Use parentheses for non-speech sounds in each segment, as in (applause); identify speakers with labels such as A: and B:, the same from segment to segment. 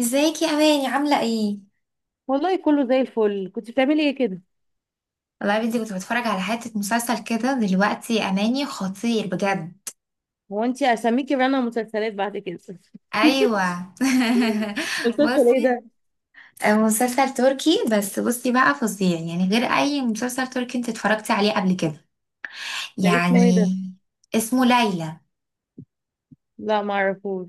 A: ازيك يا اماني؟ عامله ايه؟
B: والله كله زي الفل. كنت بتعملي ايه كده؟
A: والله يا بنتي، كنت بتفرج على حته مسلسل كده دلوقتي يا اماني، خطير بجد.
B: هو انت اسميكي رنا مسلسلات بعد كده؟
A: ايوه. (laughs)
B: (laughs) مسلسل ايه
A: بصي،
B: ده؟
A: مسلسل تركي، بس بصي بقى فظيع يعني، غير اي مسلسل تركي انت اتفرجتي عليه قبل كده
B: ده اسمه
A: يعني.
B: ايه ده؟
A: اسمه ليلى.
B: لا ما اعرفوش.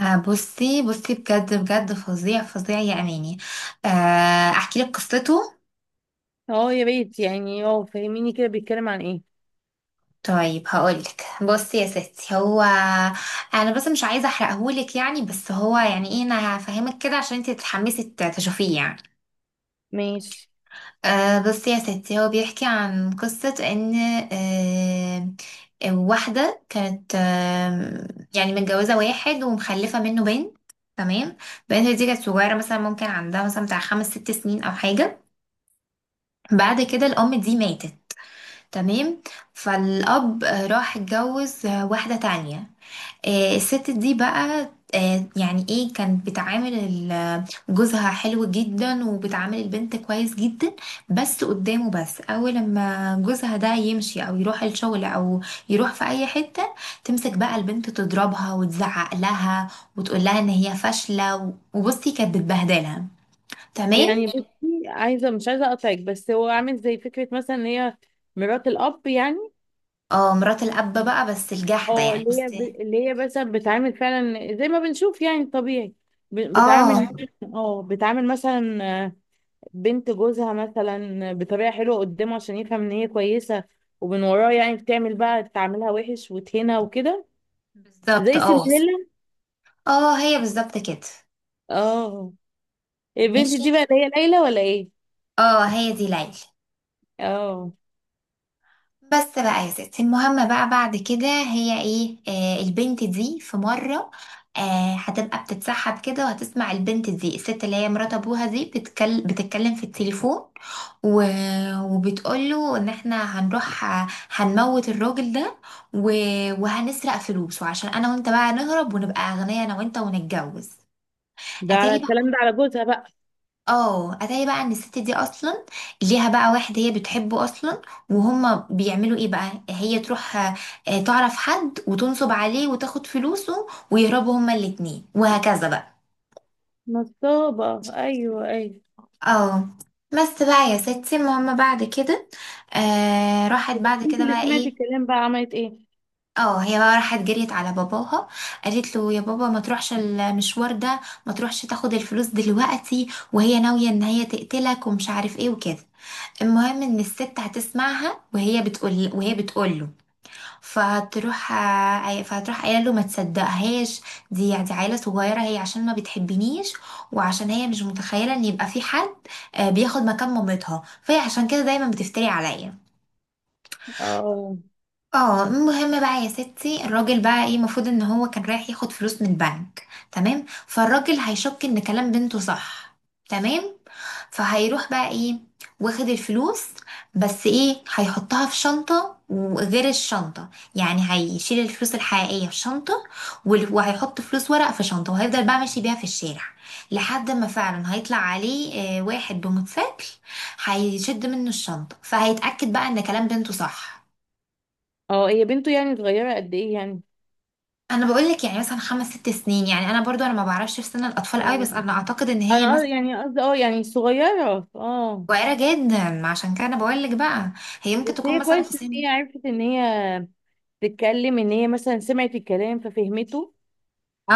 A: بصي بصي بجد بجد فظيع فظيع يا اماني. احكي لك قصته.
B: اه يا ريت، يعني اه فهميني كده، بيتكلم عن ايه؟
A: طيب هقولك. بصي يا ستي هو، انا بس مش عايزه احرقهولك يعني، بس هو يعني ايه، انا هفهمك كده عشان انت تتحمسي تشوفيه يعني.
B: ماشي.
A: أه بصي يا ستي، هو بيحكي عن قصه ان أه واحده كانت يعني متجوزه واحد ومخلفه منه بنت. تمام. البنت دي كانت صغيره، مثلا ممكن عندها مثلا بتاع خمس ست سنين او حاجه. بعد كده الام دي ماتت. تمام. فالاب راح اتجوز واحده تانية. الست دي بقى يعني ايه، كانت بتعامل جوزها حلو جدا وبتعامل البنت كويس جدا، بس قدامه. بس اول لما جوزها ده يمشي او يروح الشغل او يروح في اي حتة، تمسك بقى البنت تضربها وتزعق لها، وتقول لها ان هي فاشلة وبصي، كانت بتبهدلها. تمام.
B: يعني بصي، عايزه مش عايزه اقطعك، بس هو عامل زي فكره مثلا ان هي مرات الاب يعني.
A: اه مرات الاب بقى، بس الجحدة
B: اه،
A: يعني
B: اللي هي
A: بصي.
B: اللي هي مثلا بتعامل فعلا زي ما بنشوف يعني طبيعي، بتعامل.
A: اه
B: اه بتعامل مثلا بنت جوزها مثلا بطريقة حلوة قدامه عشان يفهم ان هي كويسة، ومن وراه يعني بتعمل بقى تعاملها وحش وتهينها وكده.
A: بالظبط
B: زي
A: اه.
B: سندريلا.
A: اه هي بالظبط كده.
B: اه البنت
A: ماشي.
B: دي بقى اللي هي ليلى ولا ايه؟
A: اه هي دي ليلى.
B: اه
A: بس بقى يا ستي المهم بقى، بعد كده هي ايه، آه البنت دي في مرة آه هتبقى بتتسحب كده، وهتسمع البنت دي الست اللي هي مرات ابوها دي بتتكلم بتتكلم في التليفون، و... وبتقوله ان احنا هنروح هنموت الراجل ده، و... وهنسرق فلوسه، عشان انا وانت بقى نهرب ونبقى اغنياء انا وانت، ونتجوز.
B: ده على
A: اتاري بقى.
B: الكلام ده على جوزها بقى؟
A: اه اتاري بقى ان الست دي اصلا ليها بقى واحد هي بتحبه اصلا، وهما بيعملوا ايه بقى، هي تروح تعرف حد وتنصب عليه وتاخد فلوسه، ويهربوا هما الاتنين وهكذا بقى.
B: نصابة، ايوه ايوه.
A: اه بس بقى يا ستي المهم بعد كده، راحت
B: وده
A: بعد
B: البنت
A: كده
B: اللي
A: بقى
B: سمعت
A: ايه.
B: الكلام بقى عملت ايه؟
A: اه هي بقى راحت جريت على باباها، قالت له يا بابا ما تروحش المشوار ده، ما تروحش تاخد الفلوس دلوقتي، وهي ناوية ان هي تقتلك ومش عارف ايه وكده. المهم ان الست هتسمعها وهي بتقول له، فهتروح فهتروح قايله له ما تصدقهاش، دي يعني، دي عيله صغيره، هي عشان ما بتحبنيش، وعشان هي مش متخيله ان يبقى في حد بياخد مكان مامتها، فهي عشان كده دايما بتفتري عليا.
B: اه.
A: اه المهم بقى يا ستي، الراجل بقى ايه، المفروض ان هو كان رايح ياخد فلوس من البنك، تمام؟ فالراجل هيشك ان كلام بنته صح. تمام. فهيروح بقى ايه، واخد الفلوس. بس ايه، هيحطها في شنطة وغير الشنطة، يعني هيشيل الفلوس الحقيقية في شنطة، وهيحط فلوس ورق في شنطة، وهيفضل بقى ماشي بيها في الشارع، لحد ما فعلا هيطلع عليه واحد بموتوسيكل هيشد منه الشنطة، فهيتأكد بقى ان كلام بنته صح.
B: اه هي بنته، يعني صغيرة قد ايه يعني؟
A: انا بقول لك يعني مثلا خمس ست سنين يعني، انا برضو انا ما بعرفش في سن الاطفال قوي،
B: اه
A: بس انا اعتقد ان هي
B: انا
A: مثلا
B: يعني قصدي اه يعني صغيرة اه.
A: صغيره جدا، عشان كده انا بقول لك بقى، هي ممكن
B: بس
A: تكون
B: هي
A: مثلا في
B: كويس ان
A: سن.
B: هي عرفت ان هي تتكلم، ان هي مثلا سمعت الكلام ففهمته،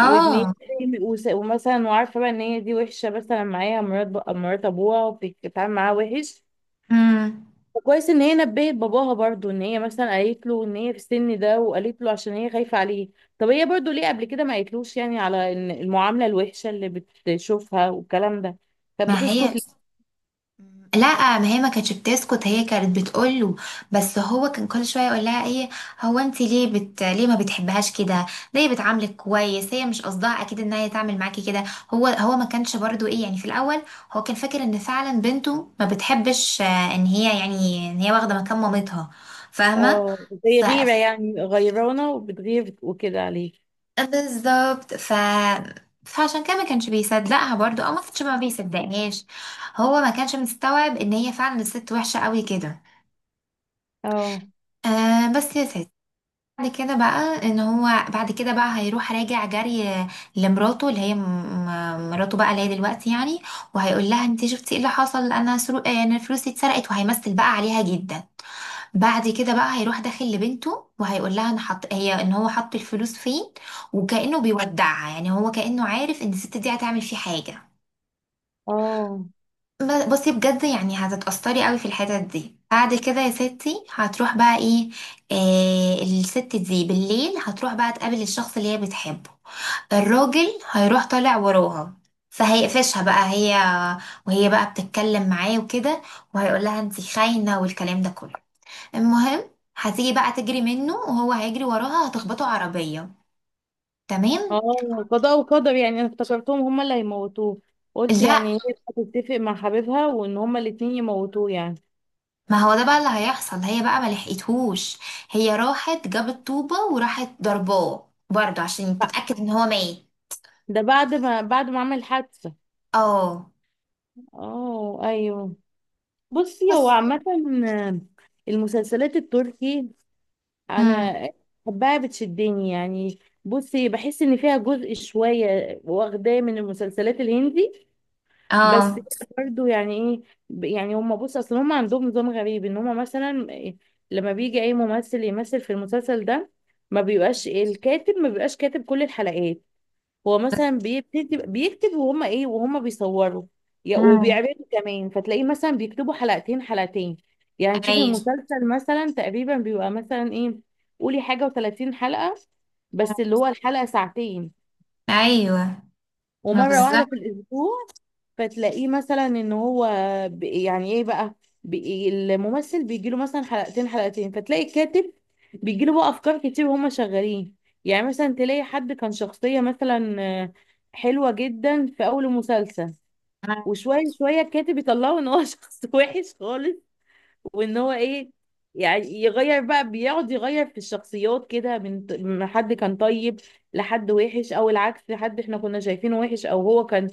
B: وان هي ومثلا وعارفه بقى ان هي دي وحشه مثلا معاها مرات مرات ابوها وبتتعامل معاها وحش.
A: امم.
B: وكويس ان هي نبهت باباها برضو، ان هي مثلا قالت له ان هي في السن ده وقالت له عشان هي خايفه عليه. طب هي برضو ليه قبل كده ما قالتلوش يعني على ان المعامله الوحشه اللي بتشوفها والكلام ده، كانت
A: ما هي،
B: بتسكت ليه؟
A: مم، لا، ما هي ما كانتش بتسكت، هي كانت بتقوله، بس هو كان كل شويه يقول لها ايه، هو انت ليه ليه ما بتحبهاش كده، ده هي بتعاملك كويس، هي مش قصدها اكيد ان هي تعمل معاكي كده. هو ما كانش برضو ايه يعني في الاول، هو كان فاكر ان فعلا بنته ما بتحبش، ان هي يعني ان هي واخده مكان مامتها، فاهمه؟
B: اه زي
A: ف...
B: غيره يعني، غيرانه وبتغير وكده عليه.
A: بالظبط. فعشان كده ما كانش بيصدقها برضو، او ما كانش ما بيصدقهاش، هو ما كانش مستوعب ان هي فعلا الست وحشة قوي كده.
B: اه.
A: آه بس يا ست، بعد كده بقى هيروح راجع جري لمراته اللي هي مراته بقى اللي هي دلوقتي يعني، وهيقول لها انت شفتي ايه اللي حصل، انا فلوسي اتسرقت، وهيمثل بقى عليها جدا. بعد كده بقى هيروح داخل لبنته وهيقول لها انا حط، هي ان هو حط الفلوس فين، وكأنه بيودعها، يعني هو كأنه عارف ان الست دي هتعمل فيه حاجة.
B: اه.
A: بصي بجد، يعني هتتأثري قوي في الحتت دي، بعد كده يا ستي هتروح بقى ايه، آه الست دي بالليل هتروح بقى تقابل الشخص اللي هي بتحبه، الراجل هيروح طالع وراها، فهيقفشها بقى هي، وهي بقى بتتكلم معاه وكده، وهيقول لها انت خاينة والكلام ده كله. المهم هتيجي بقى تجري منه، وهو هيجري وراها، هتخبطه عربية. تمام.
B: اه قضاء وقدر يعني، انا افتكرتهم هما اللي هيموتوه، قلت
A: لا،
B: يعني هي هتتفق مع حبيبها وان هما الاتنين يموتوه يعني.
A: ما هو ده بقى اللي هيحصل، هي بقى ما لحقتهوش، هي راحت جابت طوبة وراحت ضرباه برضه عشان
B: ف-
A: تتأكد ان هو ميت.
B: ده بعد ما بعد ما عمل حادثة.
A: اه.
B: اه ايوه. بصي هو
A: بس.
B: عامة المسلسلات التركي انا
A: امم.
B: بحبها، بتشدني يعني. بصي بحس ان فيها جزء شوية واخداه من المسلسلات الهندي، بس
A: اه.
B: برضو يعني ايه، يعني هم، بص اصل هم عندهم نظام غريب ان هم مثلا لما بيجي اي ممثل يمثل في المسلسل ده ما بيبقاش الكاتب، ما بيبقاش كاتب كل الحلقات. هو مثلا بيكتب بيكتب وهم ايه وهم بيصوروا
A: امم.
B: وبيعرضوا كمان، فتلاقيه مثلا بيكتبوا حلقتين حلقتين. يعني تشوفي
A: ايوه،
B: المسلسل مثلا تقريبا بيبقى مثلا ايه، قولي حاجة و30 حلقة، بس اللي هو الحلقة ساعتين
A: ايوه. ما
B: ومرة واحدة
A: بالظبط.
B: في الأسبوع. فتلاقيه مثلا ان هو يعني ايه بقى، الممثل بيجيله مثلا حلقتين حلقتين، فتلاقي الكاتب بيجيله بقى افكار كتير وهما شغالين. يعني مثلا تلاقي حد كان شخصية مثلا آه، حلوة جدا في اول المسلسل، وشوية شوية الكاتب يطلعه ان هو (laughs) شخص وحش خالص، وان هو ايه، يعني يغير بقى، بيقعد يغير في الشخصيات كده من من حد كان طيب لحد وحش، او العكس حد احنا كنا شايفينه وحش، او هو كان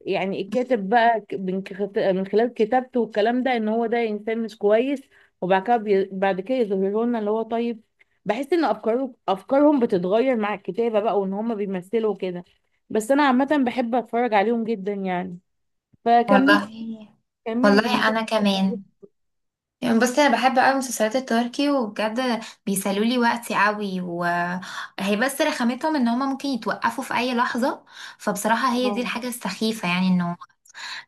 B: يعني الكاتب بقى من خلال كتابته والكلام ده ان هو ده انسان مش كويس، وبعد كده بعد كده يظهروا لنا اللي هو طيب. بحس ان افكاره افكارهم بتتغير مع الكتابة بقى، وان هم بيمثلوا كده. بس انا عامة بحب اتفرج عليهم جدا يعني.
A: والله.
B: فكملي، كملي (laughs)
A: والله
B: المسلسل.
A: انا كمان، يعني بصي، انا بحب قوي مسلسلات التركي، وبجد بيسلوا لي وقتي قوي، وهي بس رخامتهم ان هما ممكن يتوقفوا في اي لحظه، فبصراحه هي دي
B: اه
A: الحاجه السخيفه يعني انه،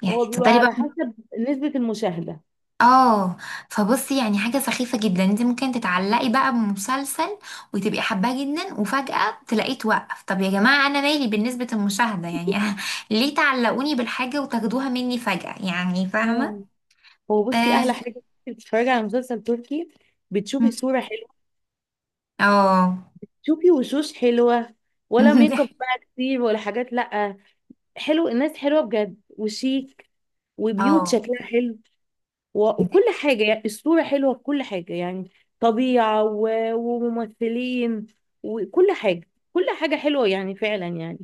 A: يعني
B: هو بيبقى
A: تفضلي بقى.
B: على حسب نسبة المشاهدة.
A: اه، فبصي يعني حاجه سخيفه جدا، انت ممكن تتعلقي بقى بمسلسل وتبقي حباه جدا، وفجاه تلاقيه توقف. طب يا جماعه، انا مالي بالنسبه المشاهده يعني؟ (laughs) ليه تعلقوني بالحاجه وتاخدوها مني فجاه، يعني
B: آه.
A: فاهمه؟
B: هو بصي
A: اه.
B: أحلى حاجة إنك بتتفرجي على مسلسل تركي، بتشوفي صورة
A: (laughs)
B: حلوة،
A: اه.
B: بتشوفي وشوش حلوة، ولا ميك اب بقى
A: (laughs)
B: كتير ولا حاجات، لأ حلو. الناس حلوة بجد وشيك، وبيوت
A: اه،
B: شكلها حلو، وكل حاجة يعني الصورة حلوة في كل حاجة يعني، طبيعة وممثلين وكل حاجة، كل حاجة حلوة يعني فعلا يعني.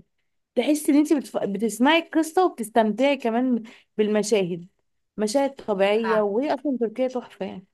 B: تحس ان انت بتسمعي القصه وبتستمتعي كمان بالمشاهد، مشاهد طبيعيه، وهي اصلا تركيا تحفه يعني.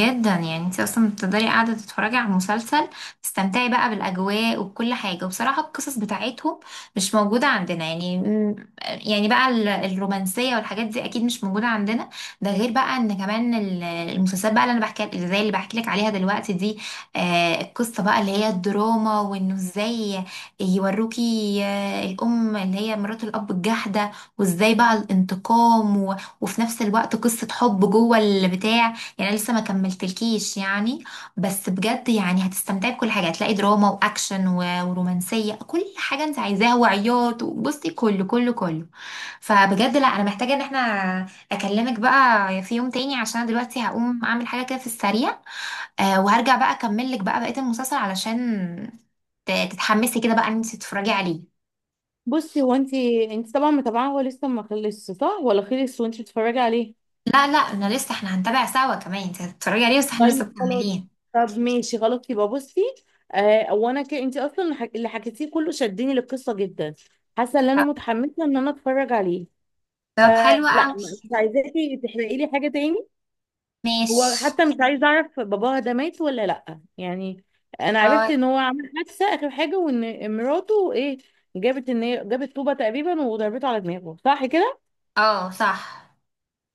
A: جدا. يعني انت اصلا بتقدري قاعده تتفرجي على المسلسل، تستمتعي بقى بالاجواء وبكل حاجه، وبصراحه القصص بتاعتهم مش موجوده عندنا يعني. مم، يعني بقى الرومانسيه والحاجات دي اكيد مش موجوده عندنا، ده غير بقى ان كمان المسلسلات بقى، اللي زي اللي بحكي لك عليها دلوقتي دي، القصه بقى اللي هي الدراما، وانه ازاي يوروكي، الام اللي هي مرات الاب الجحده، وازاي بقى الانتقام وفي نفس الوقت قصه حب جوه البتاع، يعني أنا لسه ما كملتلكيش يعني، بس بجد يعني هتستمتعي بكل حاجه، هتلاقي دراما واكشن ورومانسيه، كل حاجه انت عايزاها، وعياط وبصي كله كله كله. فبجد لا، انا محتاجه ان احنا اكلمك بقى في يوم تاني، عشان أنا دلوقتي هقوم اعمل حاجه كده في السريع، آه، وهرجع بقى اكمل لك بقى بقيه المسلسل، علشان تتحمسي كده بقى ان انت تتفرجي عليه.
B: بصي هو انت، انت طبعا متابعه، هو لسه ما خلصش صح ولا خلص وانت بتتفرجي عليه؟
A: لا لا، انا لسه، احنا هنتابع سوا، كمان انت هتتفرجي عليه، بس احنا لسه
B: طيب خلاص.
A: مكملين.
B: طب ماشي خلاص، يبقى بصي آه. وانا انت اصلا اللي حكيتيه كله شدني للقصه جدا، حاسه ان انا
A: طب،
B: متحمسه ان انا اتفرج عليه،
A: طب حلو
B: فلا
A: قوي.
B: مش عايزاكي تحرقي لي حاجه تاني. هو
A: ماشي.
B: حتى مش عايز اعرف باباها ده مات ولا لا يعني، انا
A: باي.
B: عرفت ان هو عمل حادثه اخر حاجه، وان مراته ايه جابت، ان هي جابت طوبه تقريبا وضربته على دماغه، صح كده؟
A: اه صح.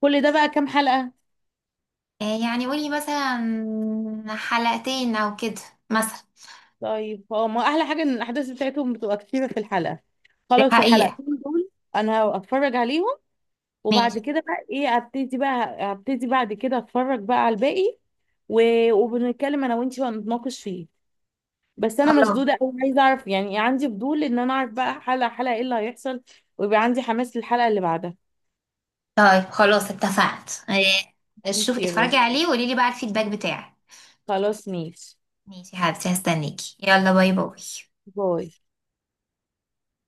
B: كل ده بقى كام حلقه؟
A: يعني قولي مثلا حلقتين او كده، مثلا.
B: طيب هو ما احلى حاجه ان الاحداث بتاعتهم بتبقى كتيره في الحلقه.
A: دي
B: خلاص
A: حقيقة.
B: الحلقتين دول انا هتفرج عليهم، وبعد
A: ماشي.
B: كده بقى ايه ابتدي بقى، ابتدي بعد كده اتفرج بقى على الباقي، و... وبنتكلم انا وانتي ونتناقش فيه. بس انا
A: خلاص.
B: مشدوده قوي، عايزه اعرف يعني إيه، عندي فضول ان انا اعرف بقى حلقه حلقه ايه اللي هيحصل، ويبقى عندي حماس للحلقه اللي بعدها.
A: طيب خلاص اتفقت، شوف
B: انتي إيه الرأي؟
A: اتفرجي عليه وقولي لي بقى الفيدباك بتاعك.
B: خلاص ماشي.
A: ماشي يا حبيبتي، هستنيكي، يلا باي باي.
B: باي.